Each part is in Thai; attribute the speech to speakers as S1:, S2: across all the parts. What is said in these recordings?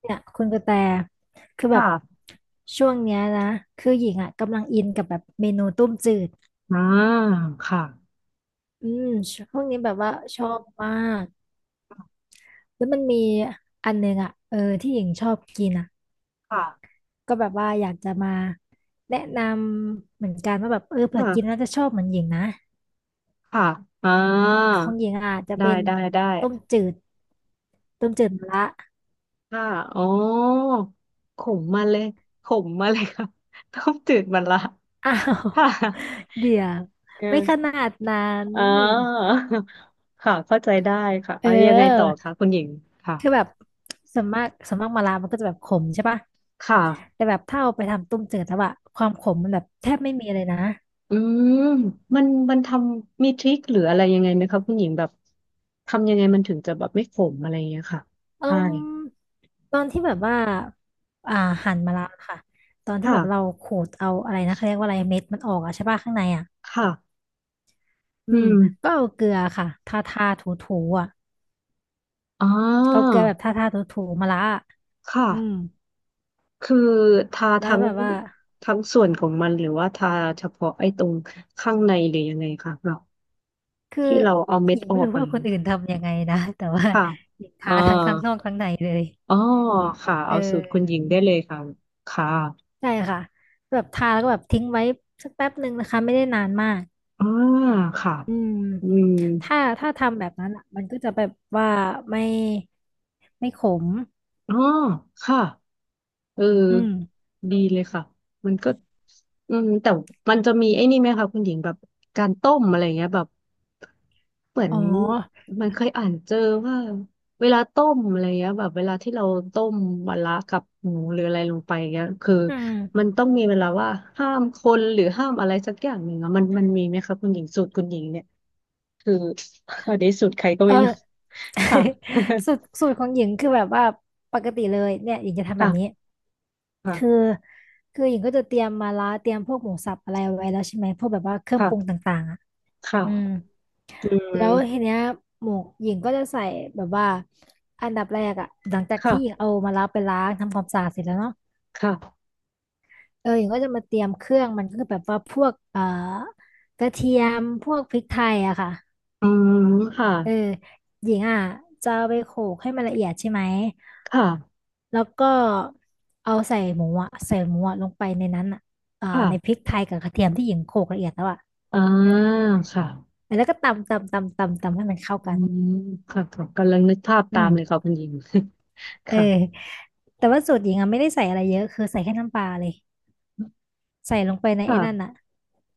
S1: เนี่ยคุณกระแตคือแบบ
S2: ค่ะ
S1: ช่วงเนี้ยนะคือหญิงอ่ะกำลังอินกับแบบเมนูต้มจืด
S2: อ่าค่ะ
S1: อืมช่วงนี้แบบว่าชอบมากแล้วมันมีอันหนึงอ่ะที่หญิงชอบกินอ่ะ
S2: ค่ะ
S1: ก็แบบว่าอยากจะมาแนะนำเหมือนกันว่าแบบเผื่อกิน
S2: ค่ะ
S1: แล้วจะชอบเหมือนหญิงนะ
S2: ค่ะอ่า
S1: ของหญิงอ่ะจะ
S2: ได้
S1: เป็น
S2: ได้ได้
S1: ต้มจืดต้มจืดมะระ
S2: ค่ะอ๋อขมมาเลยขมมาเลยค่ะ ต้มจืดมันละ
S1: อ้าว
S2: ค่ะ
S1: เดี๋ยว
S2: เ
S1: ไม่ข
S2: ออ
S1: นาดนั้น
S2: อ่าค่ะเข้าใจได้ค่ะ
S1: เอ
S2: เอา
S1: อ
S2: ยังไงต่อคะคุณหญิง ค่ะ
S1: คือแบบส่วนมากมะระมันก็จะแบบขมใช่ปะ
S2: ค่ะ
S1: แต่แบบถ้าเอาไปทำต้มจืดแล้วอะความขมมันแบบแทบไม่มีเลยนะ
S2: อืมมันทำมีทริคหรืออะไรยังไงไหมคะคุณหญิงแบบทำยังไงมันถึงจะแบบไม่ขมอะไรอย่างเงี้ยค่ะ
S1: อื
S2: ใช่
S1: มตอนที่แบบว่าอ่าหั่นมะระค่ะตอนที่แบบเรา
S2: ค่ะ
S1: ขูดเอาอะไรนะเขาเรียกว่าอะไรเม็ดมันออกอะใช่ปะข้างในอะ
S2: ค่ะ
S1: อื
S2: อื
S1: ม
S2: ม
S1: ก็เอาเกลือค่ะทาทาถูถูอะ
S2: อ๋อ
S1: เอาเกลือแบบทาทาถูถูมะระอะ
S2: ค่ะ
S1: อืม
S2: คือทา
S1: แล้วแบบว่า
S2: ทั้งส่วนของมันหรือว่าทาเฉพาะไอ้ตรงข้างในหรือยังไงคะเรา
S1: คือ
S2: ที่เราเอาเม็
S1: ห
S2: ด
S1: ญิง
S2: อ
S1: ไม่
S2: อก
S1: รู้
S2: อะไร
S1: ว่า
S2: อ
S1: ค
S2: ย่าง
S1: น
S2: เงี้
S1: อื่
S2: ย
S1: นทำยังไงนะแต่ว่า
S2: ค่ะ
S1: หญิง
S2: อ่า
S1: ทาทั้งข้างนอกข้างในเลย
S2: อ๋อค่ะ
S1: เอ
S2: เอาสูตรคุณหญิง
S1: อ
S2: ได้เลยค่ะค่ะ
S1: ใช่ค่ะแบบทาแล้วก็แบบทิ้งไว้สักแป๊บหนึ่งนะคะไม่ได้นานมาก
S2: อ่าค่ะ
S1: อืม
S2: อืม
S1: ถ้าถ้าทำแบบนั้นอ่ะมันก็จะแบบว่าไม่ไม่ขม
S2: อ๋อค่ะ เออ
S1: อืม
S2: ดีเลยค่ะมันก็อืมแต่มันจะมีไอ้นี่ไหมคะคุณหญิงแบบการต้มอะไรเงี้ยแบบเหมือน
S1: อ๋อ
S2: มันเคยอ่านเจอว่าเวลาต้มอะไรเงี้ยแบบเวลาที่เราต้มมะระกับหมูหรืออะไรลงไปเงี้ยคือ
S1: อืม
S2: มันต้องมีเวลาว่าห้ามคนหรือห้ามอะไรสักอย่างหนึ่งอะมันมีไหมคะคุณหญิงสูตรคุณหญิงเนี่ยคือใครก็
S1: เอ
S2: ไม่
S1: อ
S2: ค่ะ
S1: สูตรของหญิงคือแบบว่าปกติเลยเนี่ยหญิงจะ ทำแบบนี้
S2: ค่ะ
S1: คือ
S2: ค่ะ
S1: คือหญิงก็จะเตรียมมาละเตรียมพวกหมูสับอะไรเอาไว้แล้วใช่ไหมพวกแบบว่าเครื่องปรุง
S2: ค่ะ
S1: ต่างๆอ่ะ
S2: ค
S1: อืม
S2: ่ะอื
S1: แล้วที
S2: ม
S1: เนี้ยหมวกหญิงก็จะใส่แบบว่าอันดับแรกอะหลังจากที่หญิง
S2: ค่ะ
S1: เอามาล้างไปล้างทำความสะอาดเสร็จแล้วเนาะ
S2: ค่ะ
S1: เออหญิงก็จะมาเตรียมเครื่องมันก็คือแบบว่าพวกกระเทียมพวกพริกไทยอะค่ะ
S2: อืมค่ะ
S1: เออหญิงอ่ะจะเอาไปโขลกให้มันละเอียดใช่ไหม
S2: ค่ะ
S1: แล้วก็เอาใส่หมูอะลงไปในนั้นอะอ่า
S2: ค่ะ
S1: ในพริกไทยกับกระเทียมที่หญิงโขลกละเอียดแล้วอะ
S2: อ่าค่ะ
S1: แล้วก็ตำตำตำตำตำให้มันเข้า
S2: อื
S1: กัน
S2: มค่ะค่ะกำลังนึกภาพ
S1: อื
S2: ตาม
S1: ม
S2: เลยค่ะคุณหญิง
S1: เออ
S2: ค่ะ
S1: แต่ว่าสูตรหญิงอะไม่ได้ใส่อะไรเยอะคือใส่แค่น้ำปลาเลยใส่ลงไปในไอ้นั่น
S2: ค่ะ
S1: อะ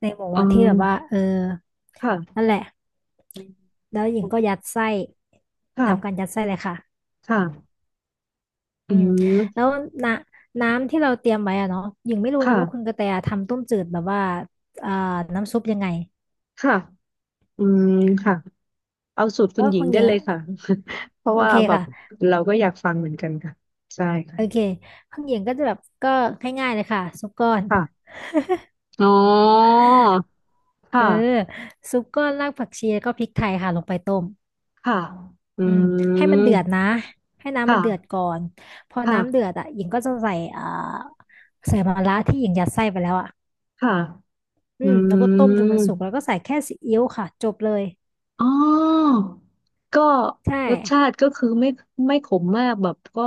S1: ในหมู
S2: อ๋อ
S1: อะที่แบบว่าเออ
S2: ค่ะ
S1: นั่นแหละแล้วหญิงก็ยัดไส้ทำการยั
S2: ค่ะ
S1: ดไส้เลยค่ะ
S2: ค่ะอื
S1: อืมแล้
S2: ม
S1: วนะน้ำที่เราเตรียมไว้อะเนาะหญิงไม่รู้นะว่าคุณ
S2: ค่ะ
S1: กระแตทำต้มจืดแบบว่าอ่าน้ำซุปยังไง
S2: ค่ะอืมค่ะเอาสูตร
S1: เพ
S2: คุ
S1: ราะ
S2: ณ
S1: ว่า
S2: หญิ
S1: ข
S2: ง
S1: องห
S2: ได้
S1: ญิง
S2: เลยค่ะ
S1: อะ
S2: เพราะ
S1: โอ
S2: ว่า
S1: เค
S2: แบบ
S1: ค่ะ
S2: เราก็อยากฟังเหมือนกันค่ะใช่
S1: โอเค
S2: ค่ะ
S1: ของหญิงก็จะแบบก็ง่ายๆเลยค่ะซุปก้อน
S2: ค่ะอ๋อ
S1: เอ
S2: ค่ะ
S1: อซุปก้อนรากผักชีแล้วก็พริกไทยค่ะลงไปต้ม
S2: ค่ะอื
S1: อืมให้มัน
S2: ม
S1: เดือดนะ ให้
S2: ค
S1: น้ำมันเดือด
S2: ่ะ
S1: ก่อน พอน้ำเดือ
S2: ค่ะ
S1: ดอ่ะหญิงก็จะใส่ใส่มะระที่หญิงยัดไส้ไปแล้วอ่ะ
S2: ค่ะ
S1: อื
S2: อื
S1: มแล้วก็ต้มจนมัน
S2: ม
S1: สุกแล้วก็ใส่แค่ซีอิ๊วค่ะจบเลย
S2: อ๋อ ก็
S1: ใช่
S2: รสชาติก็คือไม่ขมมากแบบก็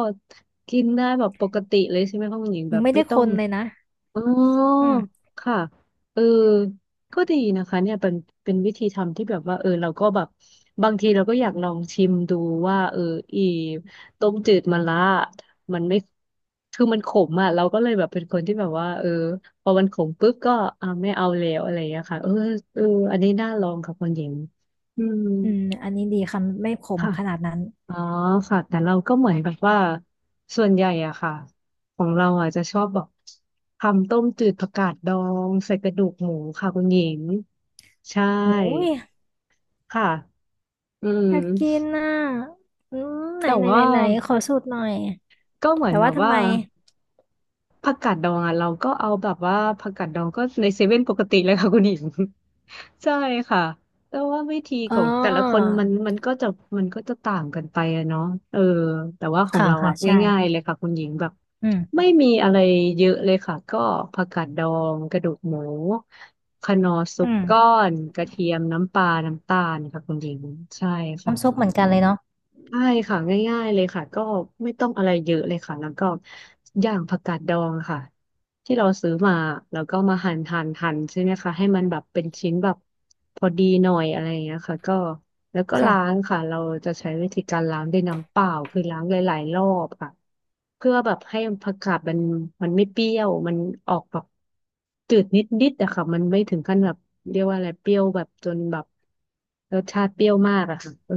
S2: กินได้แบบปกติเลยใช่ไหมคะคุณหญิงแบ
S1: ยัง
S2: บ
S1: ไม่
S2: ไม่
S1: ได้
S2: ต้
S1: ค
S2: อง
S1: นเลยนะ
S2: อ๋อ
S1: อืม
S2: ค่ะเออก็ดีนะคะเนี่ยเป็นวิธีทำที่แบบว่าเออเราก็แบบบางทีเราก็อยากลองชิมดูว่าเอออีต้มจืดมะระมันไม่คือมันขมอ่ะเราก็เลยแบบเป็นคนที่แบบว่าเออพอมันขมปุ๊บก็อ่าไม่เอาแล้วอะไรอย่างเงี้ยค่ะเออเอออันนี้น่าลองค่ะคุณหญิงอืม
S1: อืมอันนี้ดีค่ะไม่ขม
S2: ค่ะ
S1: ขนาดนั้น
S2: อ๋อค่ะแต่เราก็เหมือนแบบว่าส่วนใหญ่อะค่ะของเราอะจะชอบแบบทำต้มจืดผักกาดดองใส่กระดูกหมูค่ะคุณหญิงใช่
S1: โอ้ย
S2: ค่ะอืม
S1: อยากกินน่ะอืมไหน
S2: แต่
S1: ไหนไห
S2: ว่า
S1: นไหนขอสูตรหน่อย
S2: ก็เหมือน
S1: แต่
S2: แบ
S1: ว่า
S2: บ
S1: ทำ
S2: ว่า
S1: ไม
S2: ผักกาดดองอ่ะเราก็เอาแบบว่าผักกาดดองก็ในเซเว่นปกติเลยค่ะคุณหญิง ใช่ค่ะแต่ว่าวิธี
S1: อ๋
S2: ของแต่ละค
S1: อ
S2: นมันก็จะก็จะต่างกันไปอะเนาะเออแต่ว่าของ
S1: ค่ะ
S2: เรา
S1: ค่ะ
S2: อ่ะ
S1: ใช่
S2: ง่ายๆเลยค่ะคุณหญิงแบบ
S1: อืม
S2: ไม่มีอะไรเยอะเลยค่ะก็ผักกาดดองกระดูกหมูคะนอร์ซุ
S1: อื
S2: ป
S1: ม
S2: ก้อนกระเทียมน้ำปลาน้ำตาลค่ะคุณหญิงใช่ค่ะ
S1: น้ำซุปเหมือนกันเลยเนาะ
S2: ใช่ค่ะง่ายๆเลยค่ะก็ไม่ต้องอะไรเยอะเลยค่ะแล้วก็ย่างผักกาดดองค่ะ ที่เราซื้อมาแล้วก็มาหั่นใช่ไหมคะให้มันแบบเป็นชิ้นแบบพอดีหน่อยอะไรอย่างเงี้ยค่ะก็แล้วก็ล้า
S1: ค่ะ
S2: งค่ะเราจะใช้วิธีการล้างด้วยน้ำเปล่าคือล้างหลายๆรอบค่ะเพื่อแบบให้ผักกาดมันไม่เปรี้ยวมันออกแบบจืดนิดๆอะค่ะมันไม่ถึงขั้นแบบเรียกว่าอะไรเปรี้ยวแบบจนแบบรสชาติเปรี้ยวมากอะค่ะเออ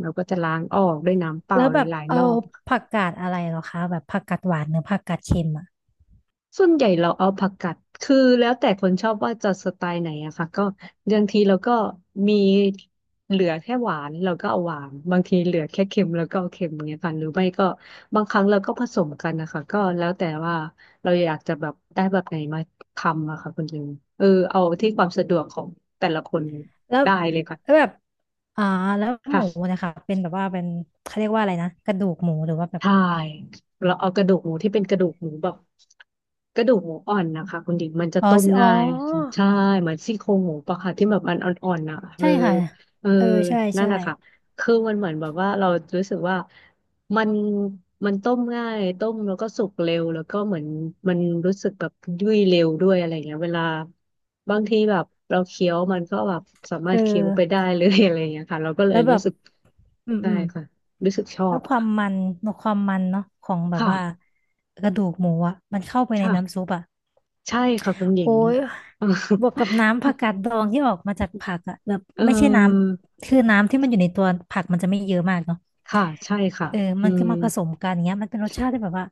S2: เราก็จะล้างออกด้วยน้ำเปล่า
S1: แล้ว
S2: ห
S1: แบบ
S2: ลายๆร
S1: เอา
S2: อบ
S1: ผักกาดอะไรเหรอคะแบบผักกาดหวานหรือผักกาดเค็มอ่ะ
S2: ส่วนใหญ่เราเอาผักกัดคือแล้วแต่คนชอบว่าจะสไตล์ไหนอะค่ะก็บางทีเราก็มีเหลือแค่หวานเราก็เอาหวานบางทีเหลือแค่เค็มเราก็เอาเค็มอย่างเงี้ยค่ะหรือไม่ก็บางครั้งเราก็ผสมกันนะคะก็แล้วแต่ว่าเราอยากจะแบบได้แบบไหนมาทำอะค่ะคุณลุงเออเอาที่ความสะดวกของแต่ละคน
S1: แล้ว
S2: ได้เลยค่ะ
S1: แล้วแบบอ่าแล้วห
S2: ค่ะ
S1: มูนะคะเป็นแบบว่าเป็นเขาเรียกว่าอะไรนะกระดูกหมูหรือว่าแบบ
S2: ใช่เราเอากระดูกหมูที่เป็นกระดูกหมูแบบกระดูกหมูอ่อนนะคะคุณดิงมันจะ
S1: อ๋อ
S2: ต้ม
S1: อ๋อ
S2: ง่ายใช่เหมือนซี่โครงหมูปะค่ะที่แบบมันอ่อนๆอ่ะเอ
S1: ใช่
S2: อ
S1: ค่ะ
S2: เออ
S1: เออใช่
S2: นั่น
S1: ใช่
S2: แหละค่ะคือมันเหมือนแบบว่าเรารู้สึกว่ามันมันต้มง่ายต้มแล้วก็สุกเร็วแล้วก็เหมือนมันรู้สึกแบบยุ่ยเร็วด้วยอะไรเงี้ยเวลาบางทีแบบเราเคี้ยวมันก็แบบสามา
S1: เอ
S2: ร
S1: อ
S2: ถเคี้ยวไปได้เลย อะไรเงี้ยค่ะเราก็เล
S1: แล้
S2: ย
S1: วแบ
S2: รู้
S1: บ
S2: สึก
S1: อืม
S2: ใช่
S1: อืม
S2: ค่ะรู้สึกชอ
S1: แล้ว
S2: บ
S1: ความมันเนาะของแบบ
S2: ค่ะ
S1: ว่ากระดูกหมูอ่ะมันเข้าไปใน
S2: ค่ะ
S1: น้ำซุปอ่ะ
S2: ใช่ค่ะคุณหญิ
S1: โอ้
S2: ง
S1: ย
S2: เออ
S1: บวกกับน้ำผักกาดดองที่ออกมาจากผักอะแบบ
S2: เอ
S1: ไม่ใช่น้
S2: อ
S1: ำคือน้ำที่มันอยู่ในตัวผักมันจะไม่เยอะมากเนาะ
S2: ค่ะใช่ค่ะ
S1: เออ
S2: อื
S1: มัน
S2: ม
S1: ก็มาผสมกันอย่างเงี้ยมันเป็นรสชาติที่แบบว่า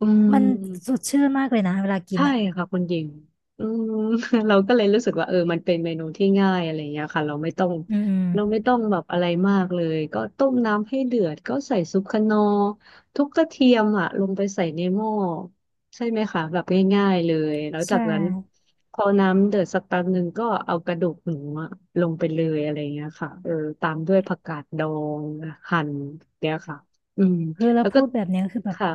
S2: อื
S1: มันส
S2: ม
S1: ดชื่นมากเลยนะเวลากิน
S2: ใช่
S1: อะ
S2: ค่ะคุณหญิงอืม เราก็เลยรู้สึกว่ามันเป็นเมนูที่ง่ายอะไรอย่างเงี้ยค่ะเราไม่ต้อง
S1: อืมอืม
S2: เราไม่ต้องแบบอะไรมากเลยก็ต้มน้ำให้เดือดก็ใส่ซุปคะนอร์ทุบกระเทียมอ่ะลงไปใส่ในหม้อใช่ไหมคะแบบง่ายๆเลยแล้วจา
S1: ใช่
S2: กนั้นพอน้ำเดือดสักแป๊บนึงก็เอากระดูกหมูอะลงไปเลยอะไรอย่างเงี้ยค่ะตามด้วยผักกาดดองหั่นเนี่ยค่ะอืม
S1: คือแล้
S2: แล้
S1: ว
S2: วก็
S1: พูดแบบเนี้ยคือแบบ
S2: ค่ะ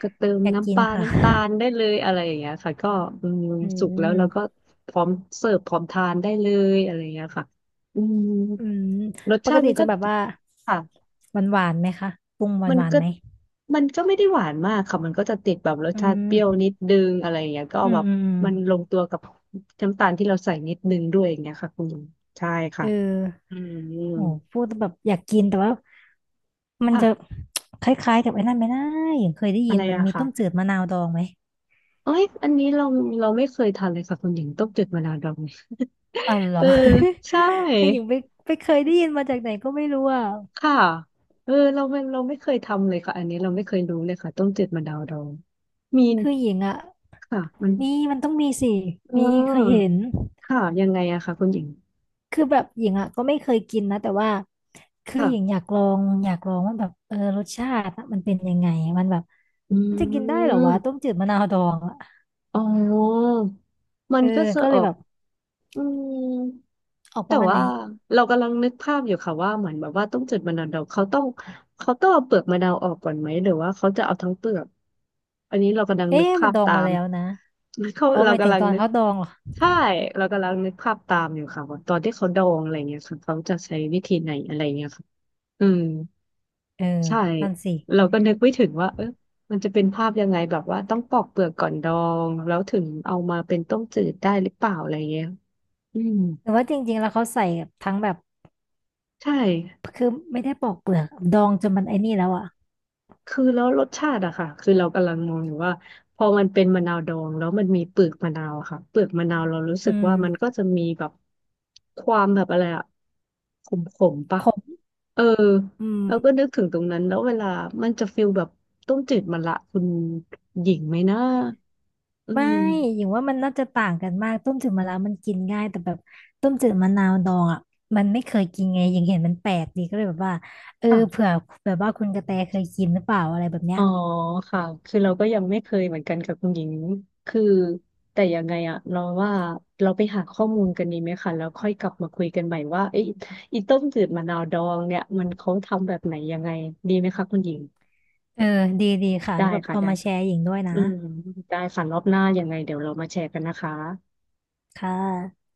S2: ก็เติม
S1: อยากกิ
S2: น้ำป
S1: น
S2: ลา
S1: ค่ะ
S2: น้ำตาลได้เลยอะไรอย่างเงี้ยค่ะก็อืม
S1: อื
S2: สุกแล้วเราก็
S1: ม
S2: พร้อมเสิร์ฟพร้อมทานได้เลยอะไรอย่างเงี้ยค่ะอืม
S1: อืม
S2: รส
S1: ป
S2: ชา
S1: ก
S2: ติ
S1: ติ
S2: มัน
S1: จะ
S2: ก็
S1: แบบว่า
S2: ค่ะ
S1: หวานหวานไหมคะปรุงหวา
S2: มั
S1: น
S2: น
S1: หวาน
S2: ก็
S1: ไหม
S2: มันก็ไม่ได้หวานมากค่ะมันก็จะติดแบบรส
S1: อื
S2: ชาติเปรี้ยว
S1: ม
S2: นิดนึงอะไรอย่างเงี้ยก็
S1: อื
S2: แบ
S1: ม
S2: บ
S1: อืมอืม
S2: มันลงตัวกับน้ำตาลที่เราใส่นิดนึงด้วยอย่างเงี้ยค่ะคุณลุงใช่
S1: เอ
S2: ค่ะ
S1: อ
S2: อืม
S1: โหพูดแแบบอยากกินแต่ว่า มัน
S2: ค่ะ
S1: จะคล้ายๆกับไอ้นั่นไหมนะอย่างเคยได้
S2: อะ
S1: ยิ
S2: ไร
S1: นมัน
S2: อะ
S1: มี
S2: ค่ะ
S1: ต้มจืดมะนาวดองไหม
S2: เอ้ยอันนี้เราไม่เคยทานเลยค่ะคุณหญิงต้มจืดมะนาวดอง
S1: เอาเหร
S2: เอ
S1: อ
S2: อใช่
S1: ไม่อย่างไปไปเคยได้ยินมาจากไหนก็ไม่รู้อ่ะ
S2: ค่ะเออเราไม่เคยทำเลยค่ะอันนี้เราไม่เคยรู้เลยค่ะต้มจืดมะนาวดองมี
S1: คือหญิงอ่ะ
S2: ค่ะมัน
S1: มีมันต้องมีสิ
S2: เอ
S1: มีเคยเห็
S2: อ
S1: น
S2: ค่ะยังไงอะค่ะคุณหญิง
S1: คือแบบหญิงอ่ะก็ไม่เคยกินนะแต่ว่าคือ
S2: ค่ะ
S1: หญิงอยากลองว่าแบบเออรสชาติอะมันเป็นยังไงมันแบบ
S2: อื
S1: มันจะกินได้เหรอวะต้ม
S2: ม
S1: จืดมะนาวดองอ่ะ
S2: อ๋อมั
S1: เอ
S2: น
S1: อ
S2: ก็จะ
S1: ก็
S2: อ
S1: เล
S2: อ
S1: ย
S2: ก
S1: แบบ
S2: อืม
S1: ออกป
S2: แต่
S1: ระมาณไห
S2: ว่า
S1: น
S2: เรากำลังนึกภาพอยู่ค่ะว่าเหมือนแบบว่าต้องเจุดมะนาวดองเขาต้องเอาเปลือกมะนาวออกก่อนไหมหรือว่าเขาจะเอาทั้งเปลือกอันนี้เรากำลังนึก
S1: เอ๊ะมั
S2: ภา
S1: น
S2: พ
S1: ดอง
S2: ตา
S1: มา
S2: ม
S1: แล้วนะ
S2: เขา
S1: อ๋อ
S2: เรา
S1: หมายถึ
S2: กำ
S1: ง
S2: ลัง
S1: ตอน
S2: นึก
S1: เขาดองเหรอ
S2: ใช่เรากำลังนึกภาพตามอยู่ค่ะว่าตอนที่เขาดองอะไรเงี้ยค่ะเขาจะใช้วิธีไหนอะไรเงี้ยค่ะอืม
S1: เออ
S2: ใช่
S1: นั่นสิ
S2: เราก็นึกไม่ถึงว่ามันจะเป็นภาพยังไงแบบว่าต้องปอกเปลือกก่อนดองแล้วถึงเอามาเป็นต้มจืดได้หรือเปล่าอะไรเงี้ยอืม
S1: หรือว่าจริงๆแล้วเขาใส่ทั้งแบบ
S2: ใช่
S1: คือไม่ได้ปอกเปลือกดองจนมันไอ้นี่แล้วอ่ะ
S2: คือแล้วรสชาติอะค่ะคือเรากำลังมองอยู่ว่าพอมันเป็นมะนาวดองแล้วมันมีเปลือกมะนาวอะค่ะเปลือกมะนาวเรารู้สึ
S1: อื
S2: ก
S1: ม
S2: ว่ามันก็จะมีแบบความแบบอะไรอะขมขมปะ
S1: ขม
S2: เออ
S1: อืม
S2: เราก็นึกถึงตรงนั้นแล้วเวลามันจะฟิลแบบต้มจืดมะละคุณหญิงไหมนะอื
S1: ไม่อ
S2: ม
S1: ย่างว่ามันน่าจะต่างกันมากต้มจืดมะนาวมันกินง่ายแต่แบบต้มจืดมะนาวดองอ่ะมันไม่เคยกินไงยังเห็นมันแปลกดีก็เลยแบบว่าเออ
S2: ค่ะ
S1: เผื่อแบบว่าคุณกระแตเคยกินหรือเปล่าอะไรแบบเนี้
S2: อ๋
S1: ย
S2: อค่ะคือเราก็ยังไม่เคยเหมือนกันกับคุณหญิงคือแต่ยังไงอะเราว่าเราไปหาข้อมูลกันดีไหมคะแล้วค่อยกลับมาคุยกันใหม่ว่าไอ้อีต้มจืดมะนาวดองเนี่ยมันเขาทำแบบไหนยังไงดีไหมคะคุณหญิง
S1: เออดีค่ะ
S2: ได้
S1: แบบ
S2: ค่ะ
S1: เอา
S2: ได้
S1: มาแช
S2: ค่ะ
S1: ร์หญิงด้วยนะ
S2: อืมได้ค่ะรอบหน้ายังไงเดี๋ยวเรามาแชร์กันนะคะ
S1: ค่ะ